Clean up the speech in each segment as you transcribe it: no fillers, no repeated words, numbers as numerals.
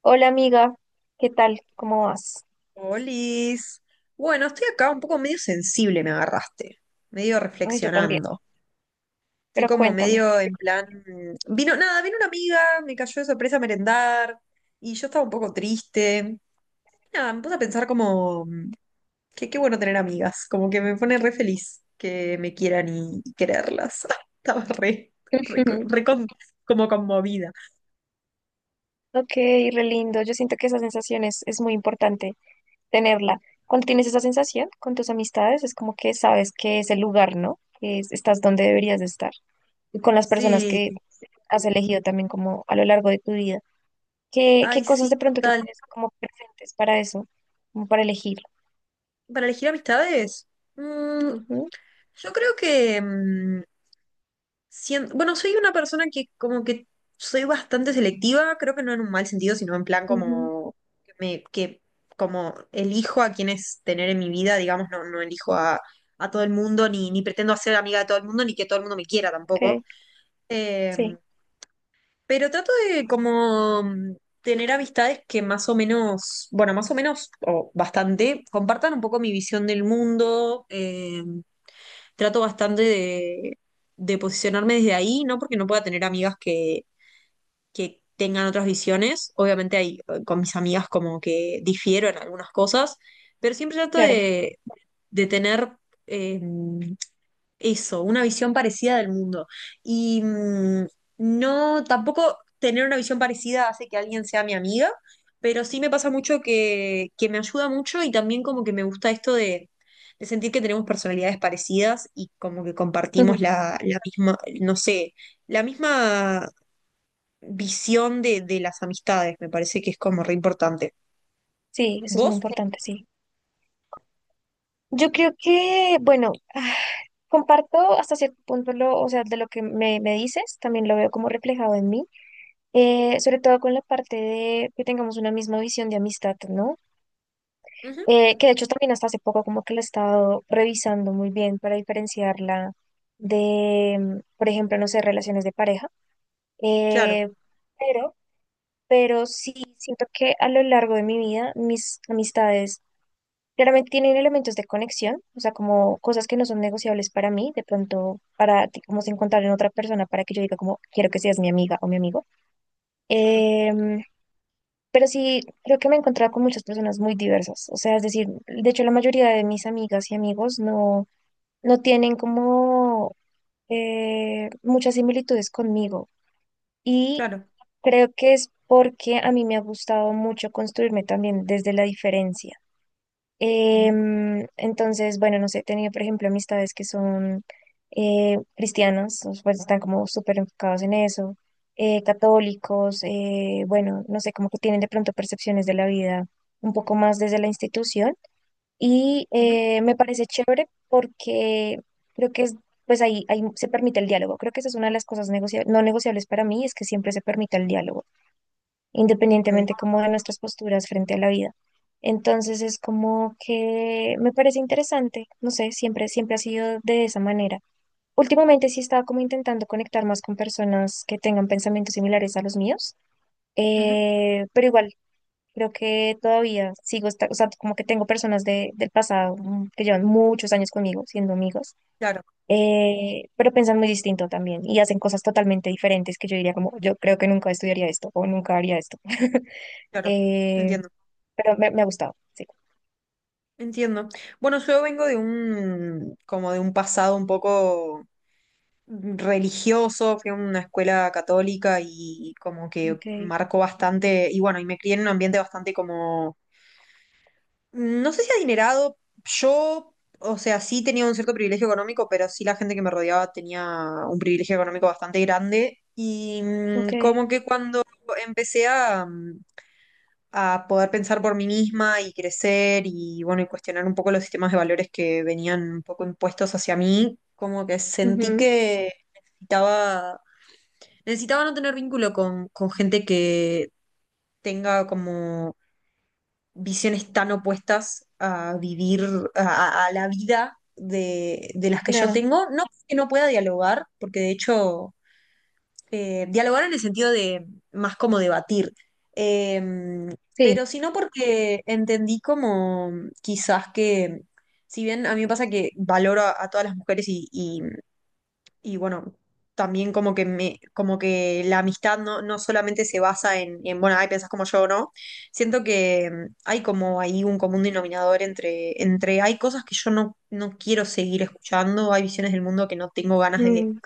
Hola amiga, ¿qué tal? ¿Cómo vas? Olis. Bueno, estoy acá un poco medio sensible, me agarraste, medio Ay, yo también, reflexionando. Estoy pero como cuéntame. medio en plan, vino nada, vino una amiga, me cayó de sorpresa a merendar y yo estaba un poco triste. Nada, me puse a pensar como que qué bueno tener amigas, como que me pone re feliz que me quieran y quererlas. Estaba re, re, co- re con- como conmovida. Ok, re lindo. Yo siento que esa sensación es muy importante tenerla. Cuando tienes esa sensación con tus amistades, es como que sabes que es el lugar, ¿no? Estás donde deberías de estar. Y con las personas Sí, que has elegido también como a lo largo de tu vida. ¿Qué ay, sí, cosas de pronto tú total. tienes como presentes para eso? Como para elegir. Para elegir amistades, mm, Ujú, yo creo que... bueno, soy una persona que como que soy bastante selectiva, creo que no en un mal sentido, sino en plan ujú, como que como elijo a quienes tener en mi vida, digamos, no elijo a todo el mundo, ni pretendo ser amiga de todo el mundo, ni que todo el mundo me quiera tampoco. ok, Eh, sí, pero trato de como tener amistades que más o menos, bueno, más o menos, o bastante, compartan un poco mi visión del mundo. Trato bastante de posicionarme desde ahí, no porque no pueda tener amigas que tengan otras visiones, obviamente hay, con mis amigas como que difiero en algunas cosas, pero siempre trato claro. De tener eh, eso, una visión parecida del mundo. Y mm, no, tampoco tener una visión parecida hace que alguien sea mi amiga, pero sí me pasa mucho que me ayuda mucho y también como que me gusta esto de sentir que tenemos personalidades parecidas y como que compartimos Ujú. La misma, no sé, la misma visión de las amistades. Me parece que es como re importante. Sí, eso es muy ¿Vos? Sí. importante, sí. Yo creo que, bueno, comparto hasta cierto punto o sea, de lo que me dices, también lo veo como reflejado en mí, sobre todo con la parte de que tengamos una misma visión de amistad, ¿no? Ujú, Que de hecho también hasta hace poco como que la he estado revisando muy bien para diferenciarla de, por ejemplo, no sé, relaciones de pareja, claro, eh, pero, pero sí siento que a lo largo de mi vida mis amistades claramente tienen elementos de conexión, o sea, como cosas que no son negociables para mí, de pronto para ti, como se encontrar en otra persona para que yo diga como quiero que seas mi amiga o mi amigo. claro, Em, pero sí, creo que me he encontrado con muchas personas muy diversas, o sea, es decir, de hecho la mayoría de mis amigas y amigos no, no tienen como muchas similitudes conmigo y claro. creo que es porque a mí me ha gustado mucho construirme también desde la diferencia. Ujú, Entonces, bueno, no sé, he tenido, por ejemplo, amistades que son cristianos, o, pues están como súper enfocados en eso, católicos, bueno, no sé, como que tienen de pronto percepciones de la vida un poco más desde la institución. Y ujú, me parece chévere porque creo que es, pues ahí se permite el diálogo. Creo que esa es una de las cosas no negociables para mí, es que siempre se permite el diálogo ok, independientemente como de nuestras posturas frente a la vida. Entonces es como que me parece interesante, no sé, siempre ha sido de esa manera. Últimamente sí he estado como intentando conectar más con personas que tengan pensamientos similares a los míos, ujú, pero igual creo que todavía sigo, o sea, como que tengo personas del pasado que llevan muchos años conmigo siendo amigos, claro, pero piensan muy distinto también y hacen cosas totalmente diferentes que yo diría como, yo creo que nunca estudiaría esto o nunca haría esto. claro. Eh, Entiendo. pero me ha gustado, sí. Entiendo. Bueno, yo vengo de un, como de un pasado un poco religioso, fui a una escuela católica y como que Okay. marcó bastante, y bueno, y me crié en un ambiente bastante como, no sé si adinerado, yo, o sea, sí tenía un cierto privilegio económico, pero sí la gente que me rodeaba tenía un privilegio económico bastante grande, y mm, Okay, como que cuando empecé a poder pensar por mí misma y crecer y bueno, y cuestionar un poco los sistemas de valores que venían un poco impuestos hacia mí, como que sentí ujú, que necesitaba, necesitaba no tener vínculo con gente que tenga como visiones tan opuestas a vivir, a la vida de las que yo claro, tengo, no que no pueda dialogar, porque de hecho dialogar en el sentido de más como debatir, Em, sí, pero sino porque entendí como quizás que, si bien a mí me pasa que valoro a todas las mujeres y bueno, también como que me, como que la amistad no, no solamente se basa en, bueno, ay, pensás como yo, ¿no? Siento que em, hay como ahí un común denominador entre hay cosas que yo no quiero seguir escuchando, hay visiones del mundo que no tengo ganas mm,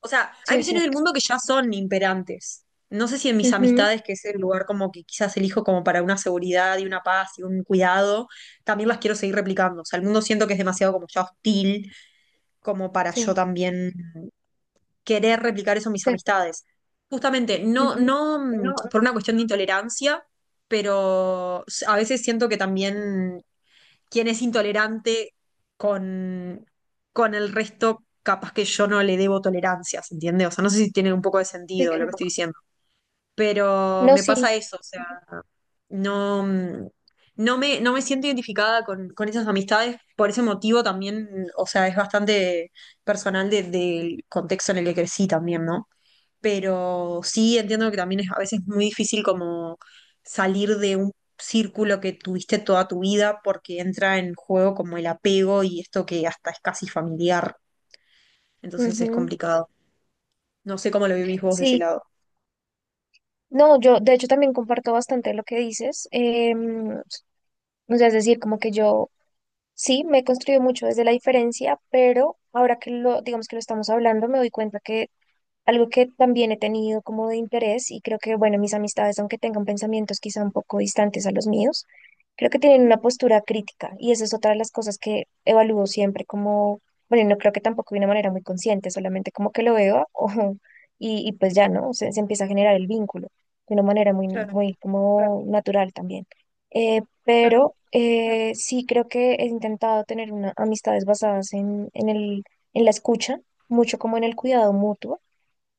o sea, sí hay es visiones del cierto, mundo que ya son imperantes. No sé si en mis ujú, amistades, que es el lugar como que quizás elijo como para una seguridad y una paz y un cuidado, también las quiero seguir replicando. O sea, el mundo siento que es demasiado como ya hostil, como para yo sí, también querer replicar eso en mis sí, amistades. Justamente, no, ujú. no mm, No, por no, una cuestión de intolerancia, pero s- a veces siento que también quien es intolerante con, con el resto, capaz que yo no le debo tolerancias, entiende. O sea, no sé si tiene un poco de sí, sentido lo que estoy claro, diciendo, pero no, me sí, pasa eso, o sea, no, mm, no me siento identificada con esas amistades, por ese motivo también, o sea, es bastante personal del contexto en el que crecí también, ¿no? Pero sí entiendo que también es a veces muy difícil como salir de un círculo que tuviste toda tu vida porque entra en juego como el apego y esto que hasta es casi familiar, entonces es ujú, complicado. No sé cómo lo vivís vos de ese sí. lado. No, yo de hecho también comparto bastante lo que dices. em, o sea, es decir, como que yo sí me he construido mucho desde la diferencia, pero ahora que lo, digamos que lo estamos hablando, me doy cuenta que algo que también he tenido como de interés y creo que, bueno, mis amistades, aunque tengan pensamientos quizá un poco distantes a los míos, creo que tienen Ujú, una postura crítica y esa es otra de las cosas que evalúo siempre como, bueno, no creo que tampoco de una manera muy consciente, solamente como que lo veo y pues ya, ¿no? Se empieza a generar el vínculo de una manera claro, muy como natural también. Claro. Sí creo que he intentado tener una, amistades basadas en el, en la escucha, mucho como en el cuidado mutuo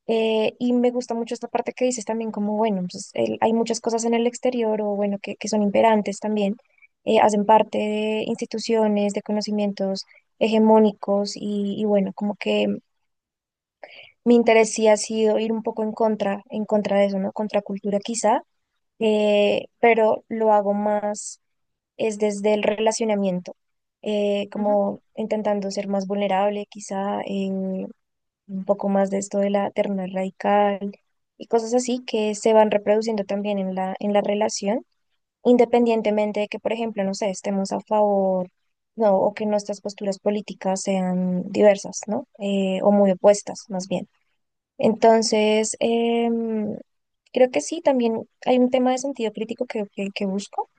y me gusta mucho esta parte que dices también, como bueno, pues, hay muchas cosas en el exterior o bueno, que son imperantes también, hacen parte de instituciones, de conocimientos hegemónicos y bueno, como que mi interés sí ha sido ir un poco en contra de eso, ¿no? Contra cultura quizá, pero lo hago más es desde el relacionamiento, Ujú, como intentando ser más vulnerable quizá, un poco más de esto de la terna radical y cosas así que se van reproduciendo también en en la relación, independientemente de que, por ejemplo, no sé, estemos a favor, no, o que nuestras posturas políticas sean diversas, ¿no? O muy opuestas, más bien. Entonces, creo que sí, también hay un tema de sentido crítico que busco,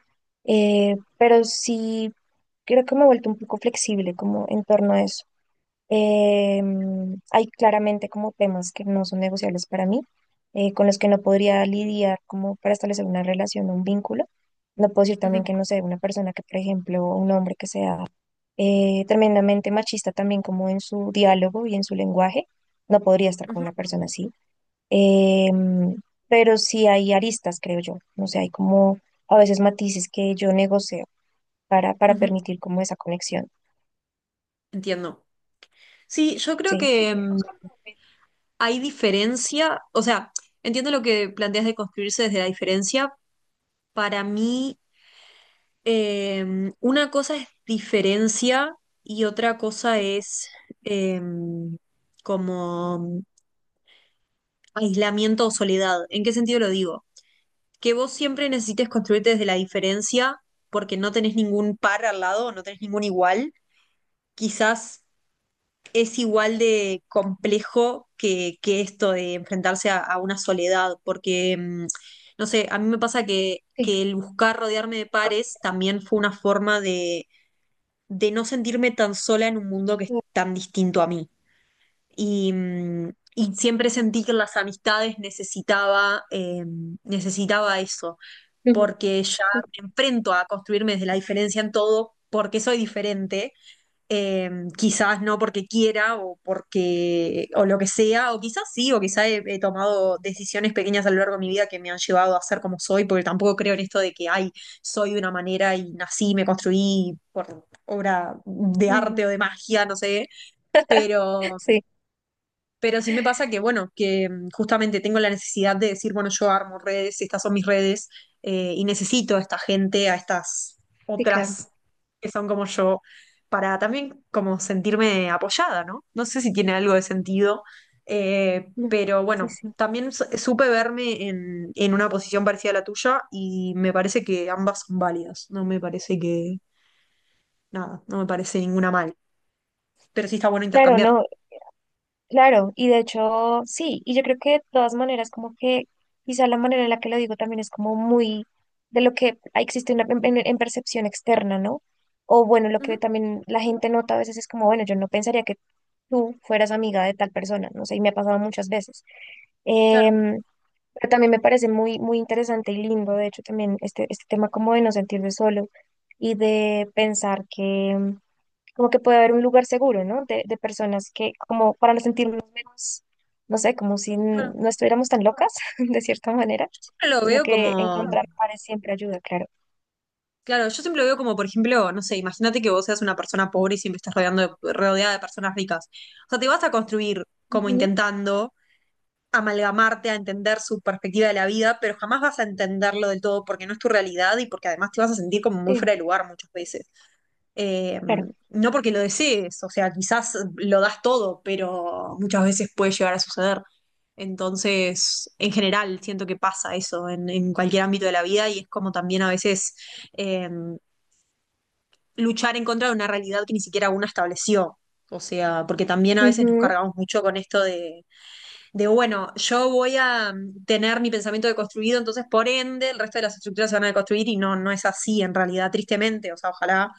pero sí creo que me he vuelto un poco flexible como en torno a eso. Eh, Hay claramente como temas que no son negociables para mí, con los que no podría lidiar como para establecer una relación o un vínculo. No puedo decir también ujú, que no sé, una persona que, por ejemplo, un hombre que sea tremendamente machista también como en su diálogo y en su lenguaje, no podría estar con ujú, una persona así. Eh, pero sí hay aristas, creo yo. No sé, hay como a veces matices que yo negocio para ujú. permitir como esa conexión. Entiendo. Sí, yo creo Sí. que mm, hay diferencia, o sea, entiendo lo que planteas de construirse desde la diferencia. Para mí, em, una cosa es diferencia y otra cosa es em, como aislamiento o soledad. ¿En qué sentido lo digo? Que vos siempre necesites construirte desde la diferencia porque no tenés ningún par al lado, no tenés ningún igual. Quizás es igual de complejo que esto de enfrentarse a una soledad, porque, em, no sé, a mí me pasa Sí. que el buscar rodearme de pares también fue una forma de no sentirme tan sola en un mundo que es tan distinto a mí. Y, mm, y siempre sentí que las amistades necesitaba, necesitaba eso, porque ya Ujú. me enfrento a construirme desde la diferencia en todo, porque soy diferente eh, quizás no porque quiera o porque o lo que sea, o quizás sí, o quizás he tomado decisiones pequeñas a lo largo de mi vida que me han llevado a ser como soy, porque tampoco creo en esto de que, ay, soy de una manera y nací, me construí por obra de No, no. arte o de magia, no sé, pero Sí, pero sí me pasa que, bueno, que mm, justamente tengo la necesidad de decir, bueno, yo armo redes, estas son mis redes, y necesito a esta gente, a estas sí, claro. otras que son como yo, para también como sentirme apoyada, ¿no? No sé si tiene algo de sentido, No. pero Sí, bueno, sí. también supe verme en una posición parecida a la tuya y me parece que ambas son válidas, no me parece que, nada, no me parece ninguna mal, pero sí está bueno Claro, intercambiar. no, claro, y de hecho, sí, y yo creo que de todas maneras, como que quizá la manera en la que lo digo también es como muy de lo que existe una, en percepción externa, ¿no? O bueno, lo que Ujú, también la gente nota a veces es como, bueno, yo no pensaría que tú fueras amiga de tal persona, no sé, y me ha pasado muchas veces. claro, Em, pero también me parece muy interesante y lindo, de hecho, también este tema como de no sentirse solo y de pensar que como que puede haber un lugar seguro, ¿no? De personas que, como para no sentirnos menos, no sé, como si claro. no estuviéramos tan locas, de cierta manera, Siempre lo sino veo que como encontrar pares siempre ayuda, claro. claro, yo siempre lo veo como, por ejemplo, no sé, imagínate que vos seas una persona pobre y siempre estás rodeando rodeada de personas ricas. O sea, te vas a construir como Ujú, intentando amalgamarte a entender su perspectiva de la vida, pero jamás vas a entenderlo del todo porque no es tu realidad y porque además te vas a sentir como muy sí, fuera de lugar muchas veces. Eh, claro. no porque lo desees, o sea, quizás lo das todo, pero muchas veces puede llegar a suceder. Entonces, en general, siento que pasa eso en cualquier ámbito de la vida y es como también a veces... eh, luchar en contra de una realidad que ni siquiera una estableció. O sea, porque también a veces nos Ujú, cargamos mucho con esto de, bueno, yo voy a tener mi pensamiento deconstruido, entonces por ende el resto de las estructuras se van a deconstruir y no, no es así en realidad, tristemente, o sea, ojalá,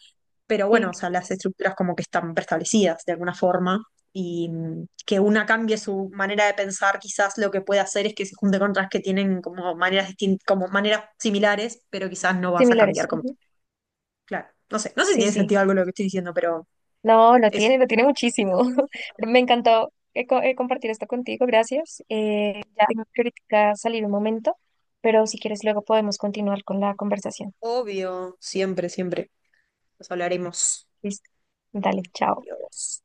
pero bueno, sí, o sea, las estructuras como que están preestablecidas de alguna forma y mm, que una cambie su manera de pensar, quizás lo que puede hacer es que se junte con otras que tienen como maneras como maneras similares, pero quizás no vas a similares. cambiar como Ujú. claro. No sé, no sé si Sí, tiene sí. sentido algo lo que estoy diciendo, pero No, eso. Lo tiene muchísimo. Pero me encantó compartir esto contigo, gracias. Ya tengo que ahorita salir un momento, pero si quieres luego podemos continuar con la conversación. Obvio, siempre, siempre. Nos hablaremos. Listo. Dale, chao. Dios.